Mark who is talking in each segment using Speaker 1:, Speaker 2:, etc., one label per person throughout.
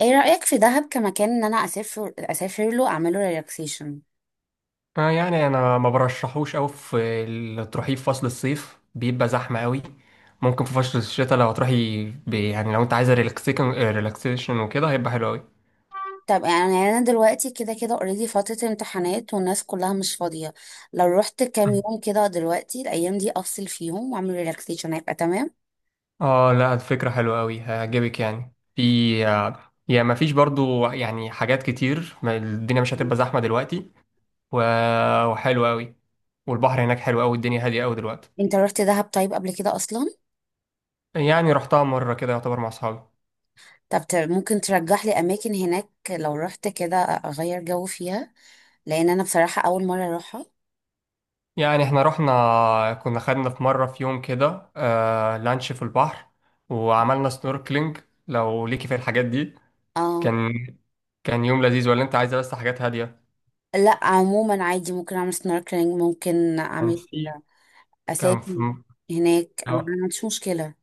Speaker 1: ايه رأيك في دهب كمكان ان انا اسافر له اعمله ريلاكسيشن.
Speaker 2: يعني انا ما برشحوش قوي في تروحيه في فصل الصيف، بيبقى زحمه قوي. ممكن في فصل الشتاء لو تروحي، يعني لو انت عايزه ريلاكسيشن ريلاكسيشن وكده، هيبقى حلو قوي.
Speaker 1: طب يعني انا دلوقتي كده كده اوريدي فترة امتحانات والناس كلها مش فاضية. لو رحت كام يوم كده دلوقتي الايام دي افصل فيهم واعمل ريلاكسيشن هيبقى تمام.
Speaker 2: اه، لا الفكره حلوه قوي، هيعجبك يعني في آه، يا ما فيش برضو يعني حاجات كتير، ما الدنيا مش
Speaker 1: مم.
Speaker 2: هتبقى زحمه دلوقتي. و- وحلوه قوي. والبحر هناك حلو قوي، والدنيا هاديه قوي دلوقتي.
Speaker 1: انت رحت دهب طيب قبل كده اصلا؟
Speaker 2: يعني رحتها مره كده يعتبر مع اصحابي.
Speaker 1: طب ممكن ترجح لي اماكن هناك لو رحت كده اغير جو فيها، لان انا بصراحة اول مرة اروحها.
Speaker 2: يعني احنا رحنا، كنا خدنا في مرة، في يوم كده آه لانش في البحر وعملنا سنوركلينج. لو ليكي في الحاجات دي،
Speaker 1: اه،
Speaker 2: كان كان يوم لذيذ، ولا انت عايزة بس حاجات هادية؟
Speaker 1: لا عموما عادي، ممكن اعمل سنوركلينج، ممكن
Speaker 2: كان
Speaker 1: اعمل،
Speaker 2: في كان في
Speaker 1: اسافر هناك، أنا ما عنديش مشكلة.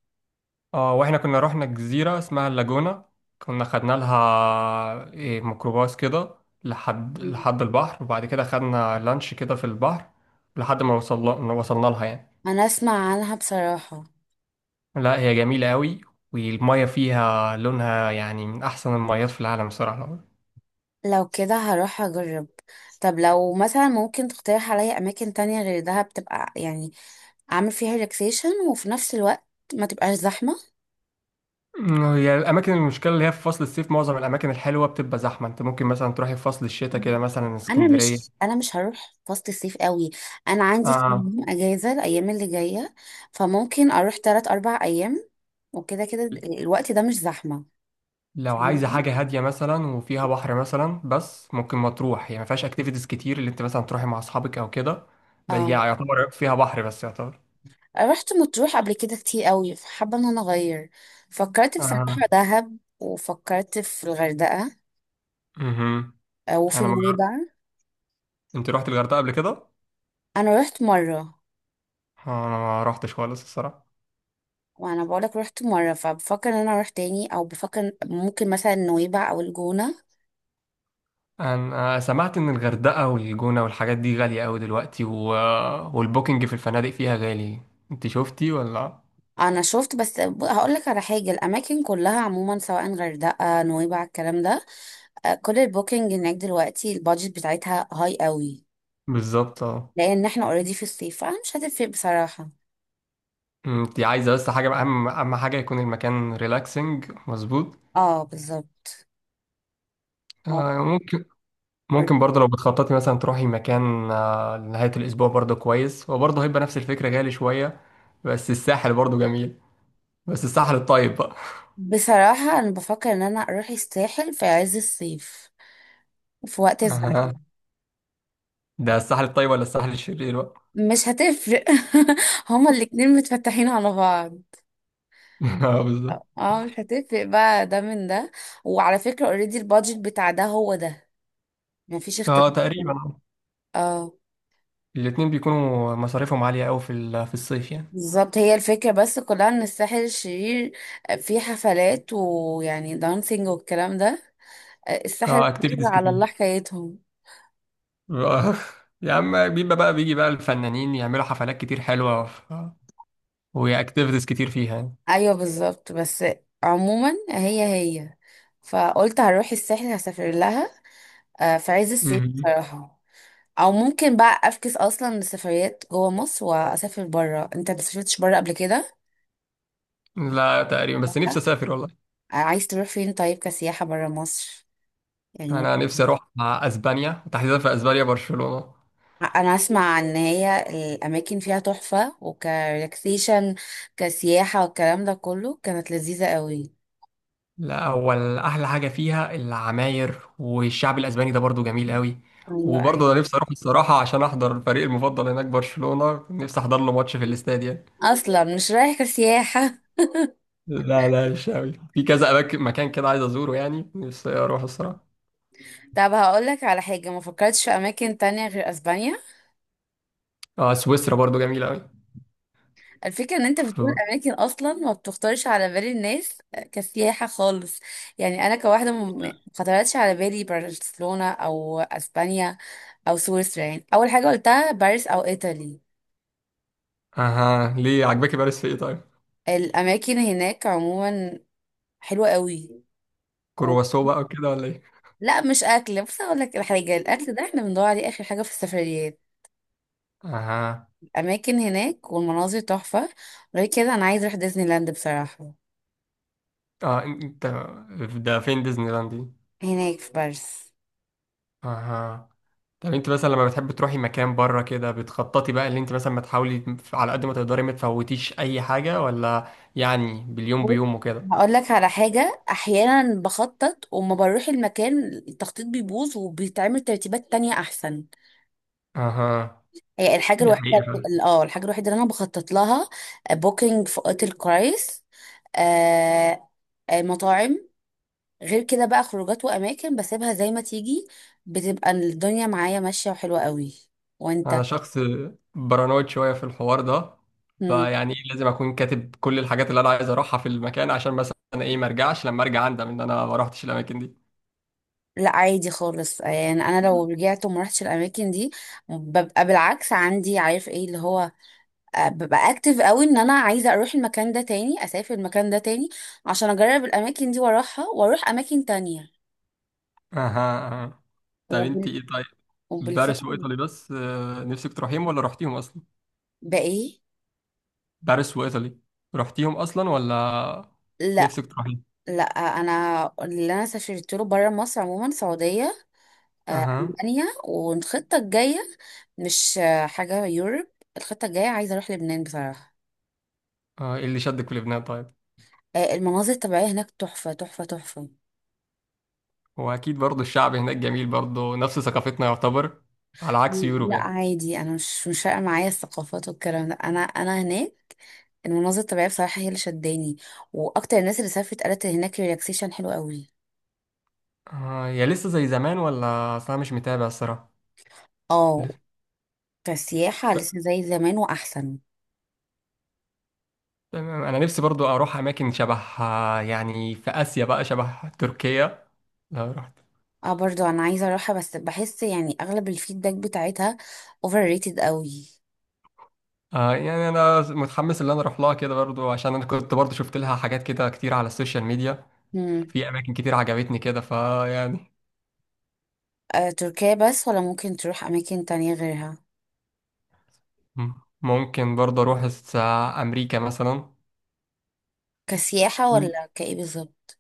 Speaker 2: اه، واحنا كنا رحنا جزيرة اسمها اللاجونة. كنا خدنا لها إيه ميكروباص كده لحد
Speaker 1: مم.
Speaker 2: لحد البحر، وبعد كده خدنا لانش كده في البحر لحد ما وصلنا لها يعني.
Speaker 1: انا اسمع عنها بصراحة.
Speaker 2: لا هي جميلة قوي، والمية فيها لونها يعني من أحسن الميات في العالم بصراحة.
Speaker 1: لو كده هروح اجرب. طب لو مثلا ممكن تقترح عليا اماكن تانية غير دهب، تبقى يعني اعمل فيها ريلاكسيشن وفي نفس الوقت ما تبقاش زحمة.
Speaker 2: هي الأماكن، المشكلة اللي هي في فصل الصيف معظم الأماكن الحلوة بتبقى زحمة. أنت ممكن مثلا تروحي في فصل الشتاء
Speaker 1: مم.
Speaker 2: كده، مثلا
Speaker 1: انا
Speaker 2: اسكندرية.
Speaker 1: مش انا مش هروح فصل الصيف قوي. انا عندي كام
Speaker 2: آه.
Speaker 1: يوم اجازة الايام اللي جاية، فممكن اروح 3 4 ايام، وكده كده الوقت ده مش زحمة.
Speaker 2: لو عايزة
Speaker 1: فاهمني؟
Speaker 2: حاجة هادية مثلا وفيها بحر مثلا، بس ممكن مطروح، هي ما فيهاش أكتيفيتيز كتير اللي أنت مثلا تروحي مع أصحابك أو كده. بس هي
Speaker 1: اه،
Speaker 2: يعتبر فيها بحر بس يعتبر.
Speaker 1: رحت مطروح قبل كده كتير قوي، فحابة ان انا اغير. فكرت
Speaker 2: آه.
Speaker 1: بصراحة دهب وفكرت في الغردقة،
Speaker 2: مهم.
Speaker 1: آه، وفي
Speaker 2: أنا ما...
Speaker 1: نويبع.
Speaker 2: أنت رحت الغردقة قبل كده؟
Speaker 1: انا رحت مرة.
Speaker 2: آه، أنا ما رحتش خالص الصراحة.
Speaker 1: وانا بقولك رحت مرة فبفكر ان انا اروح تاني، او بفكر ممكن مثلا نويبع او الجونة.
Speaker 2: انا سمعت ان الغردقة والجونة والحاجات دي غالية قوي دلوقتي، و... والبوكينج في الفنادق فيها غالي. انت شفتي ولا؟
Speaker 1: انا شفت بس، هقولك على حاجة، الاماكن كلها عموما سواء غردقة نويبع الكلام ده، آه، كل البوكينج هناك دلوقتي البادجت بتاعتها هاي قوي،
Speaker 2: بالظبط اه.
Speaker 1: لان احنا اوريدي في الصيف فانا مش هتفرق بصراحة.
Speaker 2: انت عايزة بس حاجة، اهم حاجة يكون المكان ريلاكسنج مظبوط.
Speaker 1: اه، بالظبط. اه،
Speaker 2: آه، ممكن. ممكن برضه لو بتخططي مثلا تروحي مكان آه، لنهاية الأسبوع، برضه كويس. هو برضه هيبقى نفس الفكرة، غالي شوية، بس الساحل برضه جميل. بس الساحل الطيب بقى.
Speaker 1: بصراحة أنا بفكر إن أنا أروح الساحل في عز الصيف وفي وقت الزحمة.
Speaker 2: أها. ده الساحل الطيب ولا الساحل الشرير بقى؟
Speaker 1: مش هتفرق. هما الاتنين متفتحين على بعض.
Speaker 2: اه بالظبط.
Speaker 1: اه، مش هتفرق بقى ده من ده. وعلى فكرة اوريدي البادجت بتاع ده هو ده، مفيش اختلاف.
Speaker 2: اه تقريبا.
Speaker 1: اه،
Speaker 2: الاتنين بيكونوا مصاريفهم عالية أوي في في الصيف يعني.
Speaker 1: بالظبط، هي الفكرة بس كلها ان الساحل الشرير فيه حفلات ويعني دانسينج والكلام ده. آه، الساحل
Speaker 2: اه
Speaker 1: الشرير
Speaker 2: اكتيفيتيز
Speaker 1: على الله
Speaker 2: كتير.
Speaker 1: حكايتهم.
Speaker 2: آه، يا عم بيبقى بقى، بيجي بقى الفنانين يعملوا حفلات كتير حلوة، وهي اكتيفيتيز كتير فيها يعني.
Speaker 1: ايوه بالظبط، بس عموما هي هي، فقلت هروح الساحل هسافر لها، آه، في عز الصيف
Speaker 2: مهم.
Speaker 1: بصراحة. او ممكن بقى افكس اصلا لسفريات جوه مصر واسافر بره. انت ما سافرتش بره قبل كده؟
Speaker 2: لا تقريبا، بس
Speaker 1: آه،
Speaker 2: نفسي أسافر والله.
Speaker 1: عايز تروح فين طيب كسياحة بره مصر؟ يعني
Speaker 2: أنا
Speaker 1: ممكن-
Speaker 2: نفسي أروح مع أسبانيا، تحديدا في أسبانيا برشلونة.
Speaker 1: انا اسمع ان هي الاماكن فيها تحفة، وكريلاكسيشن كسياحة والكلام ده كله كانت لذيذة قوي.
Speaker 2: لا، أول أحلى حاجة فيها العماير، والشعب الأسباني ده برضو جميل أوي.
Speaker 1: ايوه ايوه،
Speaker 2: وبرضه أنا نفسي أروح الصراحة عشان أحضر الفريق المفضل هناك برشلونة، نفسي أحضر له ماتش في الاستاد يعني.
Speaker 1: اصلا مش رايح كسياحة.
Speaker 2: لا لا، مش قوي، في كذا اماكن، مكان كده عايز ازوره يعني، نفسي اروح الصراحه.
Speaker 1: طب هقولك على حاجة، ما فكرتش في اماكن تانية غير اسبانيا؟
Speaker 2: اه سويسرا برضو جميله قوي.
Speaker 1: الفكرة ان انت بتقول اماكن اصلا ما بتخطرش على بال الناس كسياحة خالص. يعني انا كواحدة ما خطرتش على بالي برشلونة او اسبانيا او سويسرا. يعني اول حاجة قلتها باريس او ايطالي.
Speaker 2: اها، ليه عجبك باريس في ايه طيب؟
Speaker 1: الاماكن هناك عموما حلوة قوي. و...
Speaker 2: كرواسو بقى وكده ولا ايه؟
Speaker 1: لا مش اكل، بس اقول لك الحاجة، الاكل ده احنا بندور عليه اخر حاجة في السفريات.
Speaker 2: اها.
Speaker 1: الاماكن هناك والمناظر تحفة. غير كده انا عايز اروح ديزني لاند بصراحة.
Speaker 2: اه انت. ده فين ديزني لاند دي؟
Speaker 1: هناك في باريس.
Speaker 2: اها. طب انت مثلا لما بتحب تروحي مكان بره كده، بتخططي بقى اللي انت مثلا ما تحاولي على قد ما تقدري ما تفوتيش اي حاجه، ولا يعني باليوم
Speaker 1: بص،
Speaker 2: بيوم وكده؟
Speaker 1: هقول لك على حاجة، أحيانا بخطط وما بروح المكان التخطيط بيبوظ وبيتعمل ترتيبات تانية أحسن.
Speaker 2: اها.
Speaker 1: هي الحاجة
Speaker 2: دي
Speaker 1: الوحيدة.
Speaker 2: حقيقه.
Speaker 1: اه، الحاجة الوحيدة اللي أنا بخطط لها بوكينج في أوتيل كويس، آه، مطاعم. غير كده بقى خروجات وأماكن بسيبها زي ما تيجي، بتبقى الدنيا معايا ماشية وحلوة قوي. وأنت؟
Speaker 2: انا شخص بارانويد شويه في الحوار ده،
Speaker 1: مم.
Speaker 2: فيعني لازم اكون كاتب كل الحاجات اللي انا عايز اروحها في المكان، عشان مثلا ايه، ما ارجعش، لما ارجع اندم ان انا ما روحتش الاماكن دي.
Speaker 1: لا عادي خالص، يعني أنا لو رجعت وما رحتش الأماكن دي ببقى بالعكس عندي، عارف ايه اللي هو، ببقى اكتف قوي ان انا عايزه اروح المكان ده تاني، اسافر المكان ده تاني عشان اجرب الاماكن دي واروحها واروح اماكن تانية.
Speaker 2: اها. طب انت
Speaker 1: وبال...
Speaker 2: ايه طيب؟ باريس
Speaker 1: وبالفعل.
Speaker 2: وايطالي بس آه، نفسك تروحيهم ولا رحتيهم اصلا؟
Speaker 1: بقى ايه؟
Speaker 2: باريس وايطالي، رحتيهم اصلا ولا
Speaker 1: لا
Speaker 2: نفسك تروحيهم؟
Speaker 1: لا، انا سافرت له بره مصر عموما سعوديه،
Speaker 2: اها.
Speaker 1: المانيا والخطه الجايه. مش حاجه يوروب. الخطه الجايه عايزه اروح لبنان بصراحه.
Speaker 2: آه، ايه اللي شدك في لبنان طيب؟
Speaker 1: آه، المناظر الطبيعيه هناك تحفه تحفه تحفه.
Speaker 2: هو اكيد برضه الشعب هناك جميل برضه، نفس ثقافتنا يعتبر، على عكس يوروب
Speaker 1: لا
Speaker 2: يعني.
Speaker 1: عادي، انا مش فارقه معايا الثقافات والكلام ده. انا هناك المناظر الطبيعية بصراحة هي اللي شداني. واكتر الناس اللي سافرت قالت إن هناك ريلاكسيشن حلو قوي.
Speaker 2: آه، يا لسه زي زمان، ولا اصلا مش متابع الصراحه.
Speaker 1: اه، كسياحة لسه زي زمان واحسن.
Speaker 2: تمام. انا نفسي برضو اروح اماكن شبه آه، يعني في اسيا بقى، شبه تركيا لو رحت.
Speaker 1: اه برضو انا عايزة اروحها، بس بحس يعني اغلب الفيدباك بتاعتها اوفر ريتد قوي.
Speaker 2: آه، يعني انا متحمس ان انا اروح لها كده برضو، عشان انا كنت برضو شفت لها حاجات كده كتير على السوشيال ميديا.
Speaker 1: مم.
Speaker 2: في اماكن كتير عجبتني كده فيعني.
Speaker 1: آه، تركيا بس، ولا ممكن تروح اماكن تانية غيرها؟
Speaker 2: مم. ممكن برضو اروح امريكا مثلا.
Speaker 1: كسياحة
Speaker 2: مم.
Speaker 1: ولا كايه بالظبط؟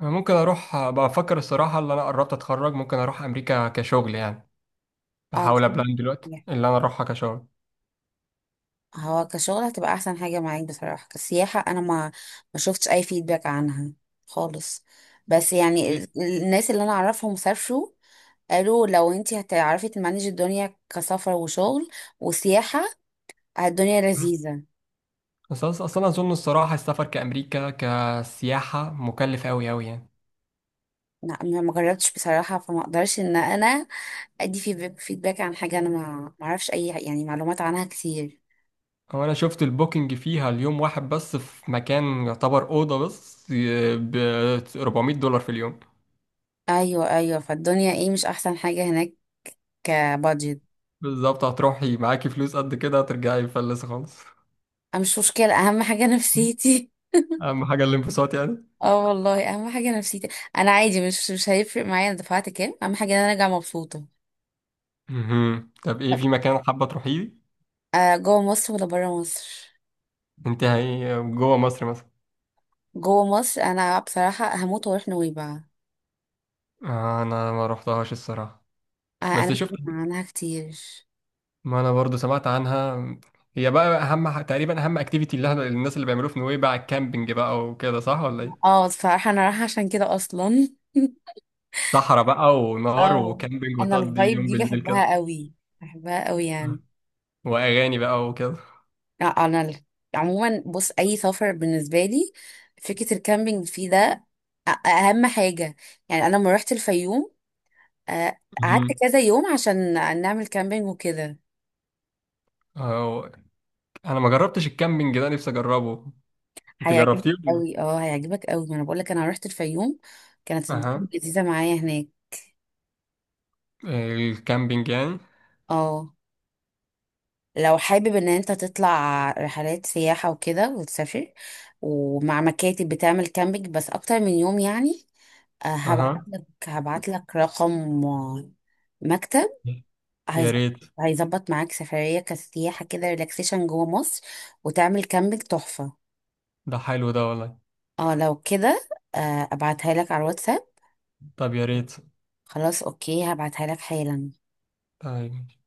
Speaker 2: ممكن اروح، بفكر الصراحه، اللي انا قربت اتخرج، ممكن اروح امريكا كشغل يعني.
Speaker 1: اه.
Speaker 2: بحاول ابلان دلوقتي اللي انا اروحها كشغل.
Speaker 1: هو كشغل هتبقى احسن حاجة معاك بصراحة. كسياحة انا ما شفتش اي فيدباك عنها خالص. بس يعني الناس اللي انا اعرفهم سافروا، قالوا لو انت هتعرفي تمانج الدنيا كسفر وشغل وسياحة الدنيا لذيذة.
Speaker 2: بس اصل انا اظن الصراحه السفر كامريكا كسياحه مكلف قوي قوي يعني.
Speaker 1: لا ما جربتش بصراحة، فما اقدرش ان انا ادي في فيدباك عن حاجة. انا ما اعرفش اي يعني معلومات عنها كتير.
Speaker 2: هو انا شفت البوكينج فيها، اليوم واحد بس في مكان يعتبر اوضه بس، ب $400 في اليوم.
Speaker 1: ايوه ايوه، فالدنيا ايه مش احسن حاجة هناك كبادجت.
Speaker 2: بالظبط، هتروحي معاكي فلوس قد كده، هترجعي مفلسه خالص.
Speaker 1: أه، مش مشكلة، اهم حاجة نفسيتي.
Speaker 2: اهم حاجه الانبساط يعني.
Speaker 1: اه والله، اهم حاجة نفسيتي. انا عادي، مش هيفرق معايا انا دفعت كام، اهم حاجة ان انا ارجع مبسوطة.
Speaker 2: مهم. طب ايه،
Speaker 1: طب
Speaker 2: في مكان حابه تروحيه؟
Speaker 1: جوه مصر ولا بره مصر؟
Speaker 2: انت هي جوه مصر مثلا؟
Speaker 1: جوه مصر انا بصراحة هموت واروح نويبع.
Speaker 2: آه، انا ما روحتهاش الصراحه،
Speaker 1: آه،
Speaker 2: بس
Speaker 1: انا
Speaker 2: شفت،
Speaker 1: أسمع عنها كتير.
Speaker 2: ما انا برضو سمعت عنها. هي بقى اهم تقريبا اهم اكتيفيتي اللي احنا الناس اللي بيعملوه في نويبع الكامبينج بقى وكده، صح ولا ايه؟
Speaker 1: اه، فراح انا رايحه عشان كده اصلا.
Speaker 2: صحراء بقى ونار
Speaker 1: اه،
Speaker 2: وكامبينج،
Speaker 1: انا
Speaker 2: وتقضي
Speaker 1: الفايب
Speaker 2: يوم
Speaker 1: دي
Speaker 2: بالليل
Speaker 1: بحبها
Speaker 2: كده.
Speaker 1: قوي بحبها قوي يعني.
Speaker 2: واغاني بقى وكده.
Speaker 1: آه، انا ال- عموما بص، اي سفر بالنسبه لي فكره الكامبينج فيه ده اهم حاجه. يعني انا لما رحت الفيوم، آه، قعدت
Speaker 2: مهم.
Speaker 1: كذا يوم عشان نعمل كامبينج وكده.
Speaker 2: أهو، انا ما جربتش الكامبينج ده، نفسي اجربه. انت جربتيه
Speaker 1: هيعجبك
Speaker 2: ولا لأ؟
Speaker 1: قوي، اه، هيعجبك قوي، ما انا بقول لك، انا رحت الفيوم كانت الدنيا
Speaker 2: اها.
Speaker 1: لذيذه معايا هناك.
Speaker 2: الكامبينج يعني.
Speaker 1: اه لو حابب ان انت تطلع رحلات سياحة وكده وتسافر ومع مكاتب بتعمل كامبينج بس اكتر من يوم يعني، آه، هبعت
Speaker 2: اها.
Speaker 1: لك هبعت لك رقم مكتب،
Speaker 2: يا
Speaker 1: هيظبط
Speaker 2: ريت.
Speaker 1: هيظبط معاك سفرية كسياحة كده ريلاكسيشن جوه مصر وتعمل كامبينج تحفة.
Speaker 2: ده حلو ده والله.
Speaker 1: اه لو كده، ابعتها لك على الواتساب.
Speaker 2: طب يا ريت.
Speaker 1: خلاص اوكي، هبعتها لك حالا.
Speaker 2: طيب.